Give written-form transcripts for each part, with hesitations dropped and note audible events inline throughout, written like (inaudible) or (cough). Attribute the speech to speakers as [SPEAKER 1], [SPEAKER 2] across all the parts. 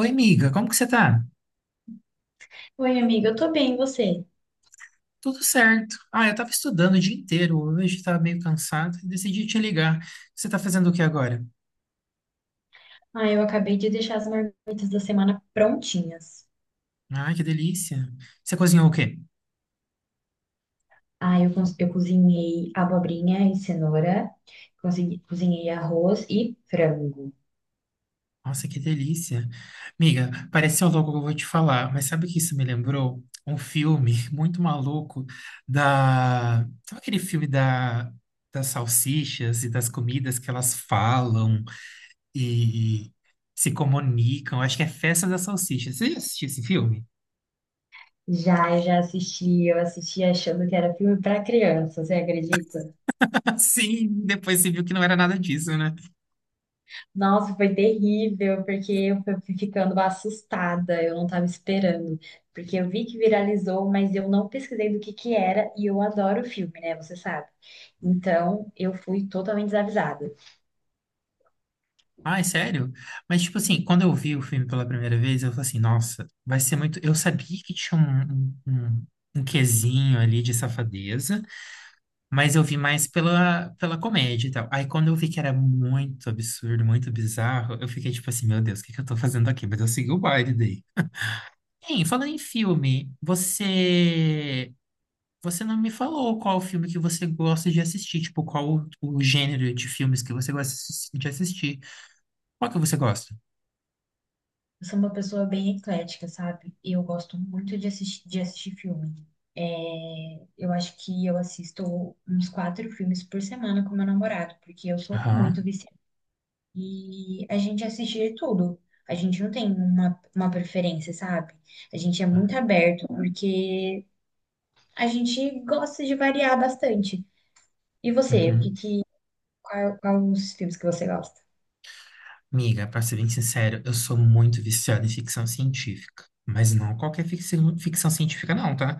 [SPEAKER 1] Oi, amiga, como que você tá?
[SPEAKER 2] Oi, amiga, eu tô bem, e você?
[SPEAKER 1] Tudo certo. Eu tava estudando o dia inteiro hoje, tava meio cansado e decidi te ligar. Você tá fazendo o que agora?
[SPEAKER 2] Ah, eu acabei de deixar as marmitas da semana prontinhas.
[SPEAKER 1] Ah, que delícia. Você cozinhou o quê?
[SPEAKER 2] Ah, eu cozinhei abobrinha e cenoura, cozinhei arroz e frango.
[SPEAKER 1] Nossa, que delícia. Amiga, pareceu louco o que eu vou te falar, mas sabe o que isso me lembrou? Um filme (laughs) muito maluco da... Sabe aquele filme da... das salsichas e das comidas que elas falam e se comunicam? Acho que é Festa das Salsichas. Você já assistiu esse filme?
[SPEAKER 2] Já, eu já assisti, eu assisti achando que era filme pra criança, você acredita?
[SPEAKER 1] Sim, depois você viu que não era nada disso, né?
[SPEAKER 2] Nossa, foi terrível, porque eu fui ficando assustada, eu não estava esperando. Porque eu vi que viralizou, mas eu não pesquisei do que era, e eu adoro filme, né? Você sabe. Então, eu fui totalmente desavisada.
[SPEAKER 1] Ai, sério? Mas, tipo assim, quando eu vi o filme pela primeira vez, eu falei assim, nossa, vai ser muito. Eu sabia que tinha um quesinho ali de safadeza, mas eu vi mais pela comédia e tal. Aí, quando eu vi que era muito absurdo, muito bizarro, eu fiquei tipo assim, meu Deus, o que que eu tô fazendo aqui? Mas eu segui o baile daí. Hein, falando em filme, você. Você não me falou qual filme que você gosta de assistir, tipo, qual o gênero de filmes que você gosta de assistir. Qual que você gosta?
[SPEAKER 2] Eu sou uma pessoa bem eclética, sabe? Eu gosto muito de assistir filme. É, eu acho que eu assisto uns 4 filmes por semana com meu namorado, porque eu sou muito
[SPEAKER 1] Aham.
[SPEAKER 2] viciada. E a gente assiste de tudo. A gente não tem uma preferência, sabe? A gente é muito aberto, porque a gente gosta de variar bastante. E você,
[SPEAKER 1] Uhum.
[SPEAKER 2] qual, qual os filmes que você gosta?
[SPEAKER 1] Amiga, pra ser bem sincero, eu sou muito viciado em ficção científica. Mas não qualquer ficção, ficção científica, não, tá?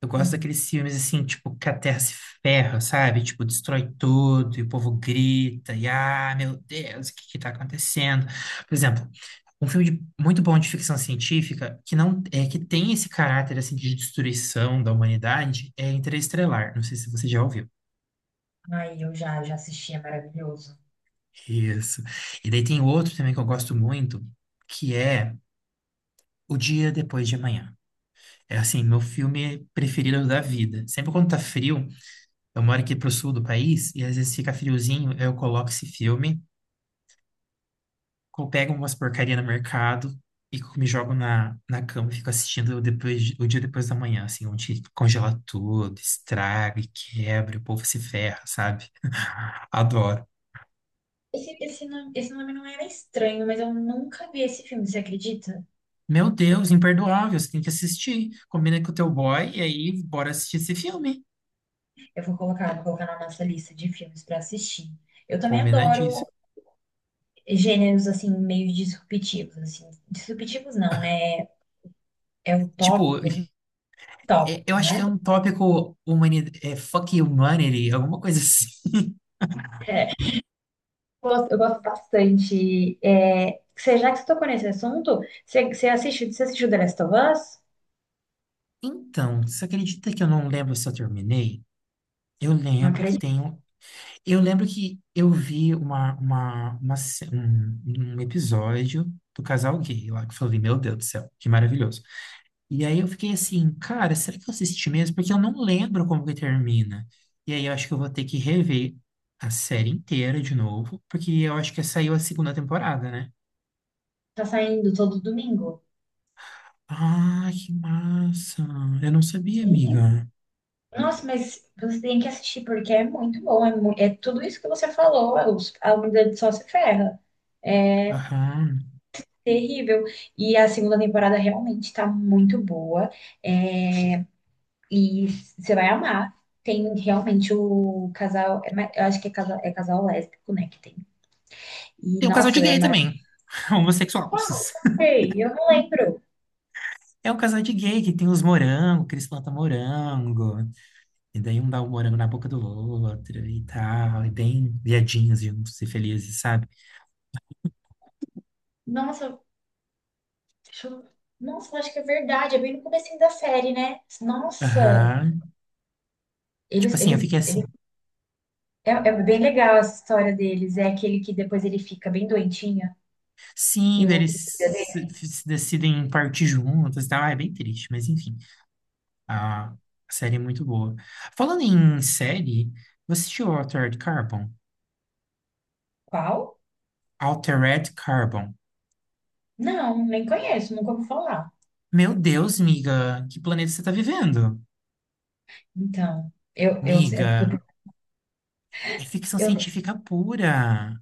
[SPEAKER 1] Eu gosto
[SPEAKER 2] Hum.
[SPEAKER 1] daqueles filmes assim, tipo, que a Terra se ferra, sabe? Tipo, destrói tudo e o povo grita, e ah, meu Deus, o que que tá acontecendo? Por exemplo, um muito bom de ficção científica que não é que tem esse caráter assim de destruição da humanidade é Interestelar. Não sei se você já ouviu.
[SPEAKER 2] Ai, eu já, já assisti, é maravilhoso.
[SPEAKER 1] Isso. E daí tem outro também que eu gosto muito, que é O Dia Depois de Amanhã. É assim, meu filme preferido da vida. Sempre quando tá frio, eu moro aqui pro sul do país e às vezes fica friozinho, eu coloco esse filme, eu pego umas porcaria no mercado e me jogo na cama e fico assistindo depois, o dia depois da manhã, assim, onde congela tudo, estraga e quebra, e o povo se ferra, sabe? (laughs) Adoro.
[SPEAKER 2] Esse nome não era estranho, mas eu nunca vi esse filme, você acredita?
[SPEAKER 1] Meu Deus, imperdoável, você tem que assistir. Combina com o teu boy e aí bora assistir esse filme.
[SPEAKER 2] Eu vou colocar na nossa lista de filmes pra assistir. Eu também adoro
[SPEAKER 1] Combinadíssimo.
[SPEAKER 2] gêneros assim meio disruptivos, assim. Disruptivos não, né? É
[SPEAKER 1] Tipo,
[SPEAKER 2] utópico,
[SPEAKER 1] eu
[SPEAKER 2] utópico,
[SPEAKER 1] acho que é
[SPEAKER 2] né?
[SPEAKER 1] um tópico humani, é, fuck humanity, alguma coisa (laughs) assim.
[SPEAKER 2] É. Eu gosto bastante. É, você, já que você tocou nesse assunto, você, você assiste, você assistiu The Last of Us?
[SPEAKER 1] Então, você acredita que eu não lembro se eu terminei? Eu
[SPEAKER 2] Não
[SPEAKER 1] lembro que
[SPEAKER 2] acredito.
[SPEAKER 1] tem um. Eu lembro que eu vi um episódio do casal gay lá, que eu falei, meu Deus do céu, que maravilhoso. E aí eu fiquei assim, cara, será que eu assisti mesmo? Porque eu não lembro como que termina. E aí eu acho que eu vou ter que rever a série inteira de novo, porque eu acho que saiu a segunda temporada, né?
[SPEAKER 2] Tá saindo todo domingo.
[SPEAKER 1] Ah, que massa! Eu não sabia, amiga.
[SPEAKER 2] Nossa, mas você tem que assistir porque é muito bom. É, é tudo isso que você falou. A humanidade só se ferra. É
[SPEAKER 1] Aham.
[SPEAKER 2] terrível. E a segunda temporada realmente tá muito boa. é, E você vai amar. Tem realmente o casal. Eu acho que é casal lésbico, né? Que tem. E
[SPEAKER 1] Tem um casal
[SPEAKER 2] nossa,
[SPEAKER 1] de
[SPEAKER 2] é
[SPEAKER 1] gay
[SPEAKER 2] maravilhoso.
[SPEAKER 1] também, (laughs) homossexuais.
[SPEAKER 2] Ei, eu não lembro.
[SPEAKER 1] É um casal de gay que tem os morangos, que eles plantam morango. E daí um dá o morango na boca do outro e tal, e bem viadinhos juntos e felizes, sabe?
[SPEAKER 2] Nossa, deixa eu- nossa, eu acho que é verdade. É bem no comecinho da série, né? Nossa,
[SPEAKER 1] Aham. Tipo
[SPEAKER 2] eles,
[SPEAKER 1] assim, eu
[SPEAKER 2] eles
[SPEAKER 1] fiquei assim.
[SPEAKER 2] É, é bem legal essa história deles. É aquele que depois ele fica bem doentinho
[SPEAKER 1] Sim,
[SPEAKER 2] e
[SPEAKER 1] daí
[SPEAKER 2] o outro
[SPEAKER 1] eles
[SPEAKER 2] cuida
[SPEAKER 1] se,
[SPEAKER 2] dele.
[SPEAKER 1] se decidem partir juntos e tal. Ah, é bem triste, mas enfim. A série é muito boa. Falando em série, você assistiu Altered Carbon?
[SPEAKER 2] Qual?
[SPEAKER 1] Altered Carbon.
[SPEAKER 2] Não, nem conheço, nunca ouvi falar.
[SPEAKER 1] Meu Deus, miga, que planeta você tá vivendo?
[SPEAKER 2] Então, eu, é porque
[SPEAKER 1] Miga, é ficção
[SPEAKER 2] eu-
[SPEAKER 1] científica pura.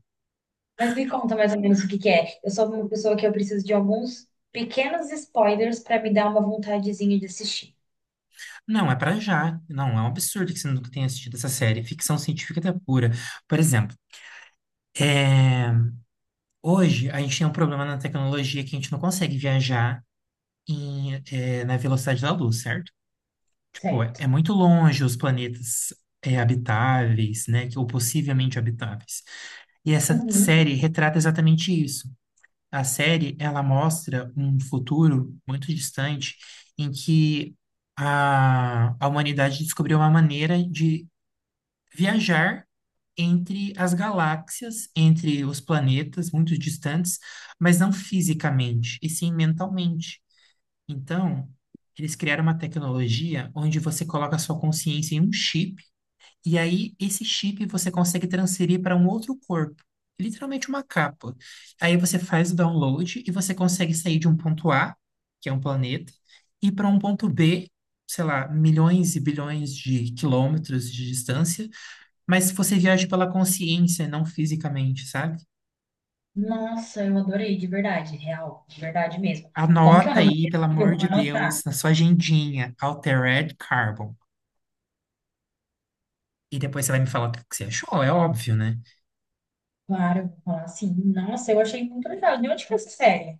[SPEAKER 2] Mas me conta mais ou menos o que que é. Eu sou uma pessoa que eu preciso de alguns pequenos spoilers para me dar uma vontadezinha de assistir.
[SPEAKER 1] Não, é pra já. Não, é um absurdo que você nunca tenha assistido essa série. Ficção científica até pura. Por exemplo, é, hoje a gente tem um problema na tecnologia que a gente não consegue viajar em, na velocidade da luz, certo? Tipo, é
[SPEAKER 2] Certo.
[SPEAKER 1] muito longe os planetas habitáveis, né? Ou possivelmente habitáveis. E essa
[SPEAKER 2] Uhum.
[SPEAKER 1] série retrata exatamente isso. A série, ela mostra um futuro muito distante em que a humanidade descobriu uma maneira de viajar entre as galáxias, entre os planetas muito distantes, mas não fisicamente, e sim mentalmente. Então, eles criaram uma tecnologia onde você coloca a sua consciência em um chip, e aí esse chip você consegue transferir para um outro corpo. Literalmente uma capa. Aí você faz o download e você consegue sair de um ponto A, que é um planeta, e para um ponto B, sei lá, milhões e bilhões de quilômetros de distância, mas você viaja pela consciência, não fisicamente, sabe?
[SPEAKER 2] Nossa, eu adorei, de verdade, real, de verdade mesmo. Como que é o
[SPEAKER 1] Anota
[SPEAKER 2] nome
[SPEAKER 1] aí, pelo
[SPEAKER 2] mesmo? Eu
[SPEAKER 1] amor
[SPEAKER 2] vou
[SPEAKER 1] de
[SPEAKER 2] anotar.
[SPEAKER 1] Deus, na sua agendinha, Altered Carbon. E depois você vai me falar o que que você achou, é óbvio, né?
[SPEAKER 2] Claro, eu vou falar assim. Nossa, eu achei muito legal. De onde que é essa série?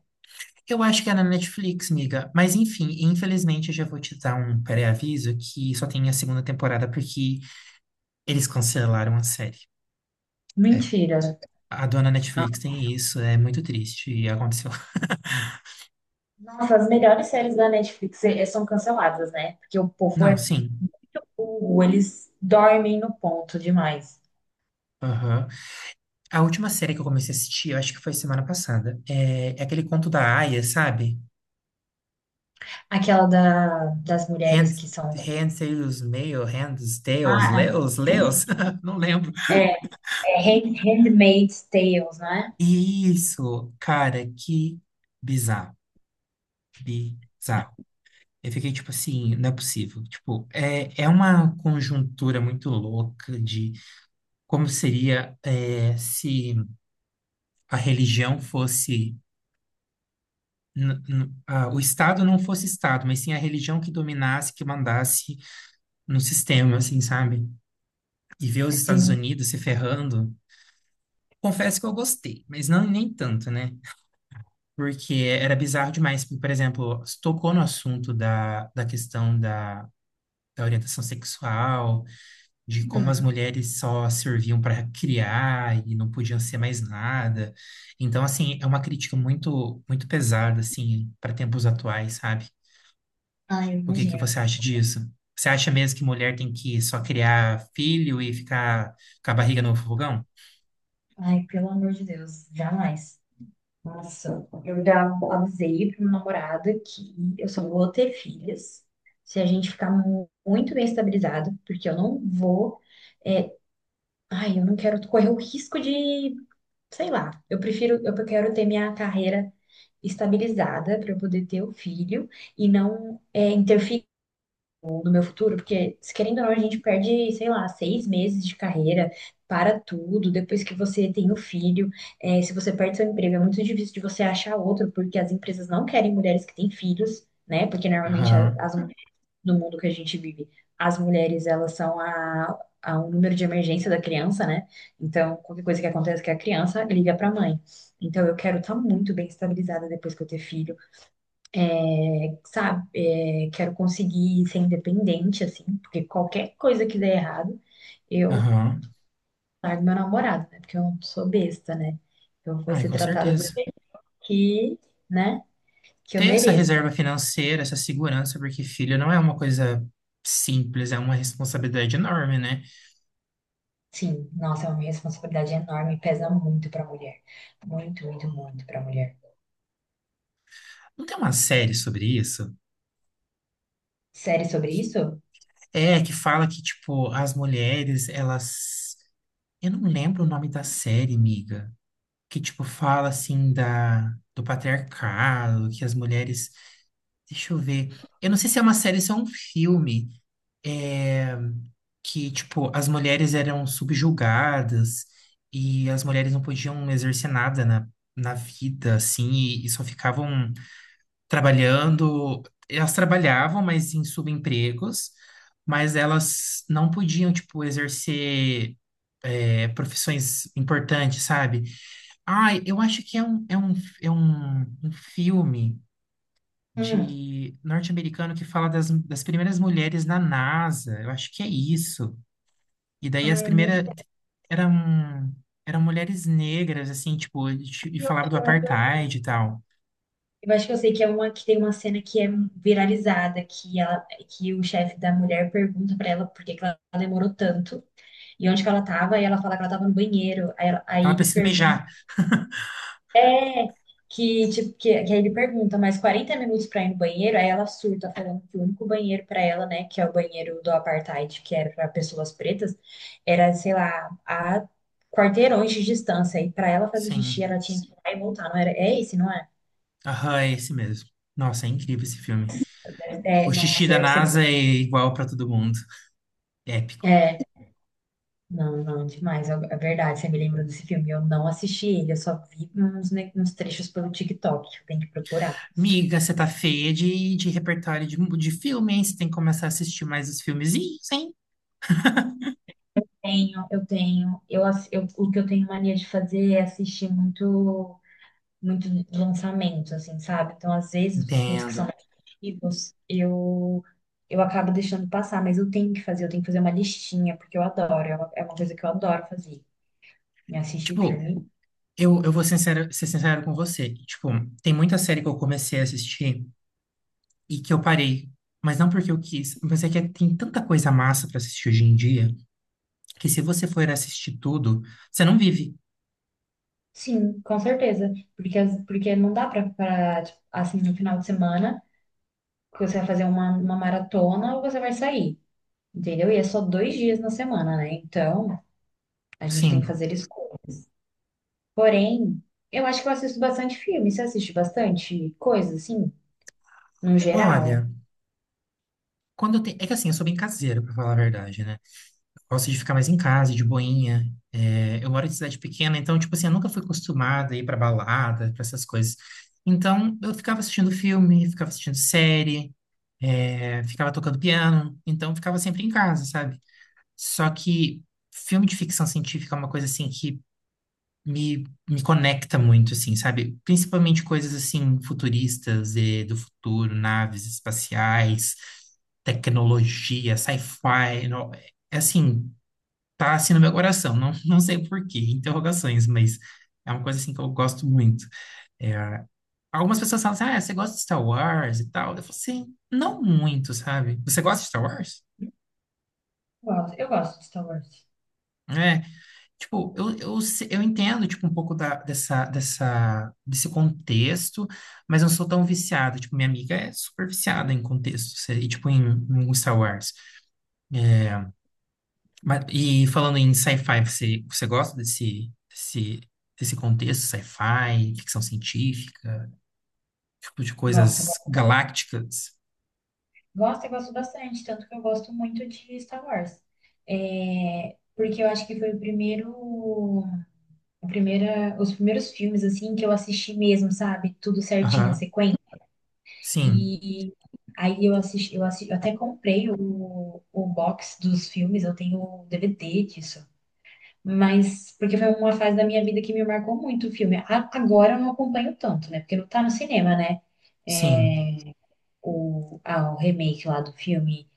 [SPEAKER 1] Eu acho que é na Netflix, miga. Mas enfim, infelizmente eu já vou te dar um pré-aviso que só tem a segunda temporada porque eles cancelaram a série. É,
[SPEAKER 2] Mentira.
[SPEAKER 1] a dona Netflix tem isso, é muito triste e aconteceu. (laughs)
[SPEAKER 2] Nossa, as melhores séries da Netflix são canceladas, né? Porque o povo
[SPEAKER 1] Não,
[SPEAKER 2] é
[SPEAKER 1] sim.
[SPEAKER 2] muito burro, eles dormem no ponto demais.
[SPEAKER 1] Aham. A última série que eu comecei a assistir, eu acho que foi semana passada, é aquele conto da Aya, sabe?
[SPEAKER 2] Aquela da, das
[SPEAKER 1] Hand,
[SPEAKER 2] mulheres que são.
[SPEAKER 1] Tails, Mail, Hands, Tails,
[SPEAKER 2] Ah,
[SPEAKER 1] Leos, Leos, (laughs) não lembro.
[SPEAKER 2] é, é Handmaid's Tales, né?
[SPEAKER 1] Isso, cara, que bizarro, bizarro. Eu fiquei tipo assim, não é possível. Tipo, é uma conjuntura muito louca de como seria é, se a religião fosse. O Estado não fosse Estado, mas sim a religião que dominasse, que mandasse no sistema, assim, sabe? E ver os Estados
[SPEAKER 2] Sim.
[SPEAKER 1] Unidos se ferrando. Confesso que eu gostei, mas não nem tanto, né? Porque era bizarro demais. Por exemplo, tocou no assunto da questão da, da orientação sexual, de como as
[SPEAKER 2] Hum.
[SPEAKER 1] mulheres só serviam para criar e não podiam ser mais nada. Então, assim, é uma crítica muito pesada, assim, para tempos atuais, sabe?
[SPEAKER 2] Ai, eu
[SPEAKER 1] O que que
[SPEAKER 2] imagino.
[SPEAKER 1] você acha disso? Você acha mesmo que mulher tem que só criar filho e ficar com a barriga no fogão?
[SPEAKER 2] Ai, pelo amor de Deus, jamais. Nossa, eu já avisei pro meu namorado que eu só vou ter filhas se a gente ficar muito bem estabilizado, porque eu não vou. eh, Ai, eu não quero correr o risco de, sei lá, eu prefiro, eu quero ter minha carreira estabilizada para eu poder ter o filho e não é, interferir no meu futuro, porque se querendo ou não, a gente perde, sei lá, 6 meses de carreira, para tudo, depois que você tem o filho, é, se você perde seu emprego, é muito difícil de você achar outro, porque as empresas não querem mulheres que têm filhos, né? Porque normalmente a-
[SPEAKER 1] Aham,
[SPEAKER 2] as no mundo que a gente vive, as mulheres, elas são a um número de emergência da criança, né? Então, qualquer coisa que aconteça que a criança liga para a mãe. Então, eu quero estar muito bem estabilizada depois que eu ter filho, é, sabe? É, quero conseguir ser independente, assim, porque qualquer coisa que der errado, eu
[SPEAKER 1] aham.
[SPEAKER 2] largo meu namorado, né? Porque eu não sou besta, né? Eu vou
[SPEAKER 1] Ai,
[SPEAKER 2] ser
[SPEAKER 1] com
[SPEAKER 2] tratada do
[SPEAKER 1] certeza.
[SPEAKER 2] jeito que, né? Que eu
[SPEAKER 1] Ter essa
[SPEAKER 2] mereço.
[SPEAKER 1] reserva financeira, essa segurança, porque filho não é uma coisa simples, é uma responsabilidade enorme, né?
[SPEAKER 2] Sim, nossa, é uma responsabilidade enorme, pesa muito para mulher. Muito, muito, muito para mulher.
[SPEAKER 1] Não tem uma série sobre isso?
[SPEAKER 2] Série sobre isso?
[SPEAKER 1] É, que fala que, tipo, as mulheres, elas. Eu não lembro o nome da série, miga. Que, tipo, fala assim da. Do patriarcado, que as mulheres. Deixa eu ver. Eu não sei se é uma série, se é um filme. É, que, tipo, as mulheres eram subjugadas e as mulheres não podiam exercer nada na, na vida, assim, e só ficavam trabalhando. Elas trabalhavam, mas em subempregos, mas elas não podiam, tipo, exercer, é, profissões importantes, sabe? Ai, eu acho que é um filme
[SPEAKER 2] Hum.
[SPEAKER 1] de norte-americano que fala das primeiras mulheres na NASA. Eu acho que é isso. E daí as
[SPEAKER 2] Ai, eu não
[SPEAKER 1] primeiras
[SPEAKER 2] sei.
[SPEAKER 1] eram eram mulheres negras, assim, tipo, e
[SPEAKER 2] Eu
[SPEAKER 1] falava
[SPEAKER 2] acho
[SPEAKER 1] do
[SPEAKER 2] que eu sei.
[SPEAKER 1] apartheid e tal.
[SPEAKER 2] Eu acho que eu sei que é uma que tem uma cena que é viralizada, que ela, que o chefe da mulher pergunta pra ela por que que ela demorou tanto e onde que ela tava, e ela fala que ela tava no banheiro. Aí
[SPEAKER 1] Ela
[SPEAKER 2] ele
[SPEAKER 1] precisa
[SPEAKER 2] pergunta
[SPEAKER 1] mijar. (laughs)
[SPEAKER 2] que, tipo, que aí ele pergunta, mais 40 minutos pra ir no banheiro, aí ela surta, falando que o único banheiro pra ela, né, que é o banheiro do apartheid, que era pra pessoas pretas, era, sei lá, a quarteirões de distância, e pra ela fazer xixi, ela
[SPEAKER 1] Sim.
[SPEAKER 2] tinha que ir lá e voltar, não era, é esse, não é?
[SPEAKER 1] Aham, é esse mesmo. Nossa, é incrível esse filme.
[SPEAKER 2] É,
[SPEAKER 1] O xixi
[SPEAKER 2] nossa,
[SPEAKER 1] da
[SPEAKER 2] eu sempre,
[SPEAKER 1] NASA é igual pra todo mundo. Épico.
[SPEAKER 2] é, não, não, demais, é verdade, você me lembrou desse filme, eu não assisti ele, eu só vi uns, uns trechos pelo TikTok, eu tenho que procurar.
[SPEAKER 1] Miga, você tá feia de repertório de filme, hein? Você tem que começar a assistir mais os filmezinhos, hein?
[SPEAKER 2] Tenho, eu tenho. O que eu tenho mania de fazer é assistir muito, muito lançamento, assim, sabe? Então, às vezes, os filmes que
[SPEAKER 1] Entendo.
[SPEAKER 2] são mais antigos, eu acabo deixando passar, mas eu tenho que fazer, eu tenho que fazer uma listinha, porque eu adoro, é uma coisa que eu adoro fazer, me assistir
[SPEAKER 1] Tipo,
[SPEAKER 2] filme.
[SPEAKER 1] Ser sincero com você. Tipo, tem muita série que eu comecei a assistir e que eu parei. Mas não porque eu quis, mas é que tem tanta coisa massa pra assistir hoje em dia que se você for assistir tudo, você não vive.
[SPEAKER 2] Sim, com certeza. Porque, porque não dá pra, tipo, assim, no final de semana, que você vai fazer uma maratona ou você vai sair, entendeu? E é só dois dias na semana, né? Então, a gente tem que
[SPEAKER 1] Sim.
[SPEAKER 2] fazer escolhas. Porém, eu acho que eu assisto bastante filme. Você assiste bastante coisa, assim, no geral?
[SPEAKER 1] Olha, quando eu tenho. É que assim, eu sou bem caseiro, pra falar a verdade, né? Eu gosto de ficar mais em casa, de boinha. É, eu moro em cidade pequena, então, tipo assim, eu nunca fui acostumada a ir pra balada, pra essas coisas. Então, eu ficava assistindo filme, ficava assistindo série. É, ficava tocando piano, então ficava sempre em casa, sabe? Só que filme de ficção científica é uma coisa assim que me, me conecta muito, assim, sabe? Principalmente coisas assim futuristas e do futuro, naves espaciais, tecnologia, sci-fi, é assim, tá assim no meu coração, não, (laughs) não sei por quê, interrogações, mas é uma coisa assim que eu gosto muito. É, algumas pessoas falam assim, ah, você gosta de Star Wars e tal? Eu falo assim, não muito, sabe? Você gosta de Star Wars?
[SPEAKER 2] Gosto, eu gosto de Star Wars.
[SPEAKER 1] É, tipo, eu, se- eu entendo, tipo, um pouco dessa, desse contexto, mas eu não sou tão viciado. Tipo, minha amiga é super viciada em contexto, e, tipo, em, em Star Wars. É, mas, e falando em sci-fi, você gosta desse contexto, sci-fi, ficção científica, tipo, de
[SPEAKER 2] Gosto,
[SPEAKER 1] coisas
[SPEAKER 2] gosto,
[SPEAKER 1] galácticas?
[SPEAKER 2] gosto e gosto bastante, tanto que eu gosto muito de Star Wars. É, porque eu acho que foi o primeiro, a primeira, os primeiros filmes assim que eu assisti mesmo, sabe? Tudo certinho, a
[SPEAKER 1] Aham,
[SPEAKER 2] sequência.
[SPEAKER 1] sim,
[SPEAKER 2] E aí eu assisti, eu assisti, eu até comprei o box dos filmes, eu tenho o DVD disso. Mas, porque foi uma fase da minha vida que me marcou muito o filme. Agora eu não acompanho tanto, né? Porque não tá no cinema, né? É,
[SPEAKER 1] sim.
[SPEAKER 2] o, ah, o remake lá do filme.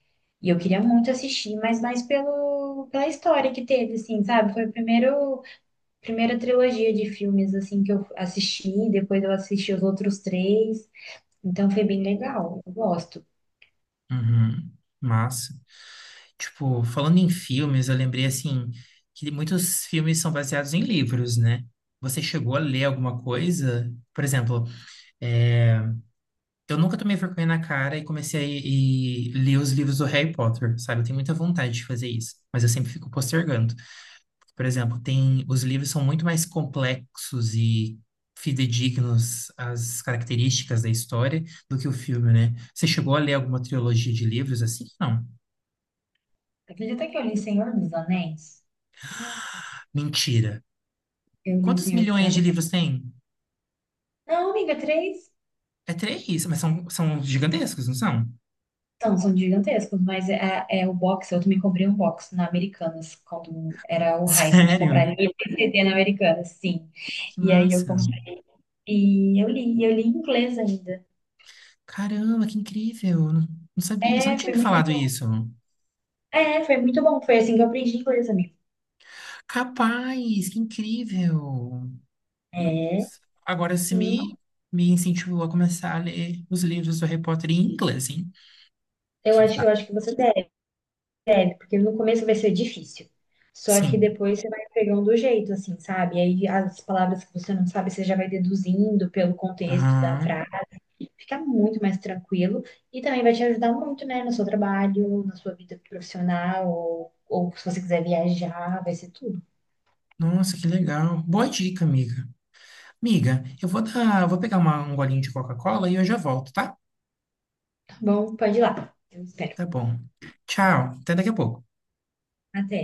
[SPEAKER 2] E eu queria muito assistir, mas mais pelo, pela história que teve, assim, sabe? Foi a primeiro, primeira trilogia de filmes, assim, que eu assisti. Depois eu assisti os outros três. Então foi bem legal. Eu gosto.
[SPEAKER 1] Uhum, massa. Tipo, falando em filmes, eu lembrei assim que muitos filmes são baseados em livros, né? Você chegou a ler alguma coisa? Por exemplo, é, eu nunca tomei vergonha na cara e comecei a ler os livros do Harry Potter, sabe? Eu tenho muita vontade de fazer isso, mas eu sempre fico postergando. Por exemplo, tem os livros são muito mais complexos e fidedignos às características da história do que o filme, né? Você chegou a ler alguma trilogia de livros assim? Não.
[SPEAKER 2] Acredita que eu li Senhor dos Anéis?
[SPEAKER 1] Mentira.
[SPEAKER 2] Eu li
[SPEAKER 1] Quantos
[SPEAKER 2] Senhor dos
[SPEAKER 1] milhões de
[SPEAKER 2] Anéis.
[SPEAKER 1] livros tem?
[SPEAKER 2] Não, amiga, três.
[SPEAKER 1] É três, mas são, são gigantescos, não são?
[SPEAKER 2] São, são gigantescos, mas é, é o box, eu também comprei um box na Americanas, quando era o
[SPEAKER 1] (laughs)
[SPEAKER 2] hype de comprar
[SPEAKER 1] Sério?
[SPEAKER 2] livro e CD na Americanas, sim.
[SPEAKER 1] Que
[SPEAKER 2] E aí eu
[SPEAKER 1] massa.
[SPEAKER 2] comprei e eu li em inglês ainda.
[SPEAKER 1] Caramba, que incrível. Não, não sabia, você não
[SPEAKER 2] É,
[SPEAKER 1] tinha
[SPEAKER 2] foi
[SPEAKER 1] me
[SPEAKER 2] muito
[SPEAKER 1] falado
[SPEAKER 2] bom.
[SPEAKER 1] isso.
[SPEAKER 2] É, foi muito bom. Foi assim que eu aprendi inglês, amigo.
[SPEAKER 1] Capaz, que incrível.
[SPEAKER 2] É,
[SPEAKER 1] Agora você
[SPEAKER 2] sim.
[SPEAKER 1] me, me incentivou a começar a ler os livros do Harry Potter em inglês, hein? Quem
[SPEAKER 2] Eu
[SPEAKER 1] sabe?
[SPEAKER 2] acho que você deve, porque no começo vai ser difícil. Só que
[SPEAKER 1] Sim.
[SPEAKER 2] depois você vai pegando o jeito, assim, sabe? E aí as palavras que você não sabe, você já vai deduzindo pelo contexto da frase.
[SPEAKER 1] Aham.
[SPEAKER 2] Fica muito mais tranquilo e também vai te ajudar muito, né, no seu trabalho, na sua vida profissional, ou se você quiser viajar, vai ser tudo.
[SPEAKER 1] Nossa, que legal. Boa dica, amiga. Amiga, eu vou vou pegar um golinho de Coca-Cola e eu já volto, tá?
[SPEAKER 2] Tá bom? Pode ir lá. Eu espero.
[SPEAKER 1] Tá bom. Tchau. Até daqui a pouco.
[SPEAKER 2] Até.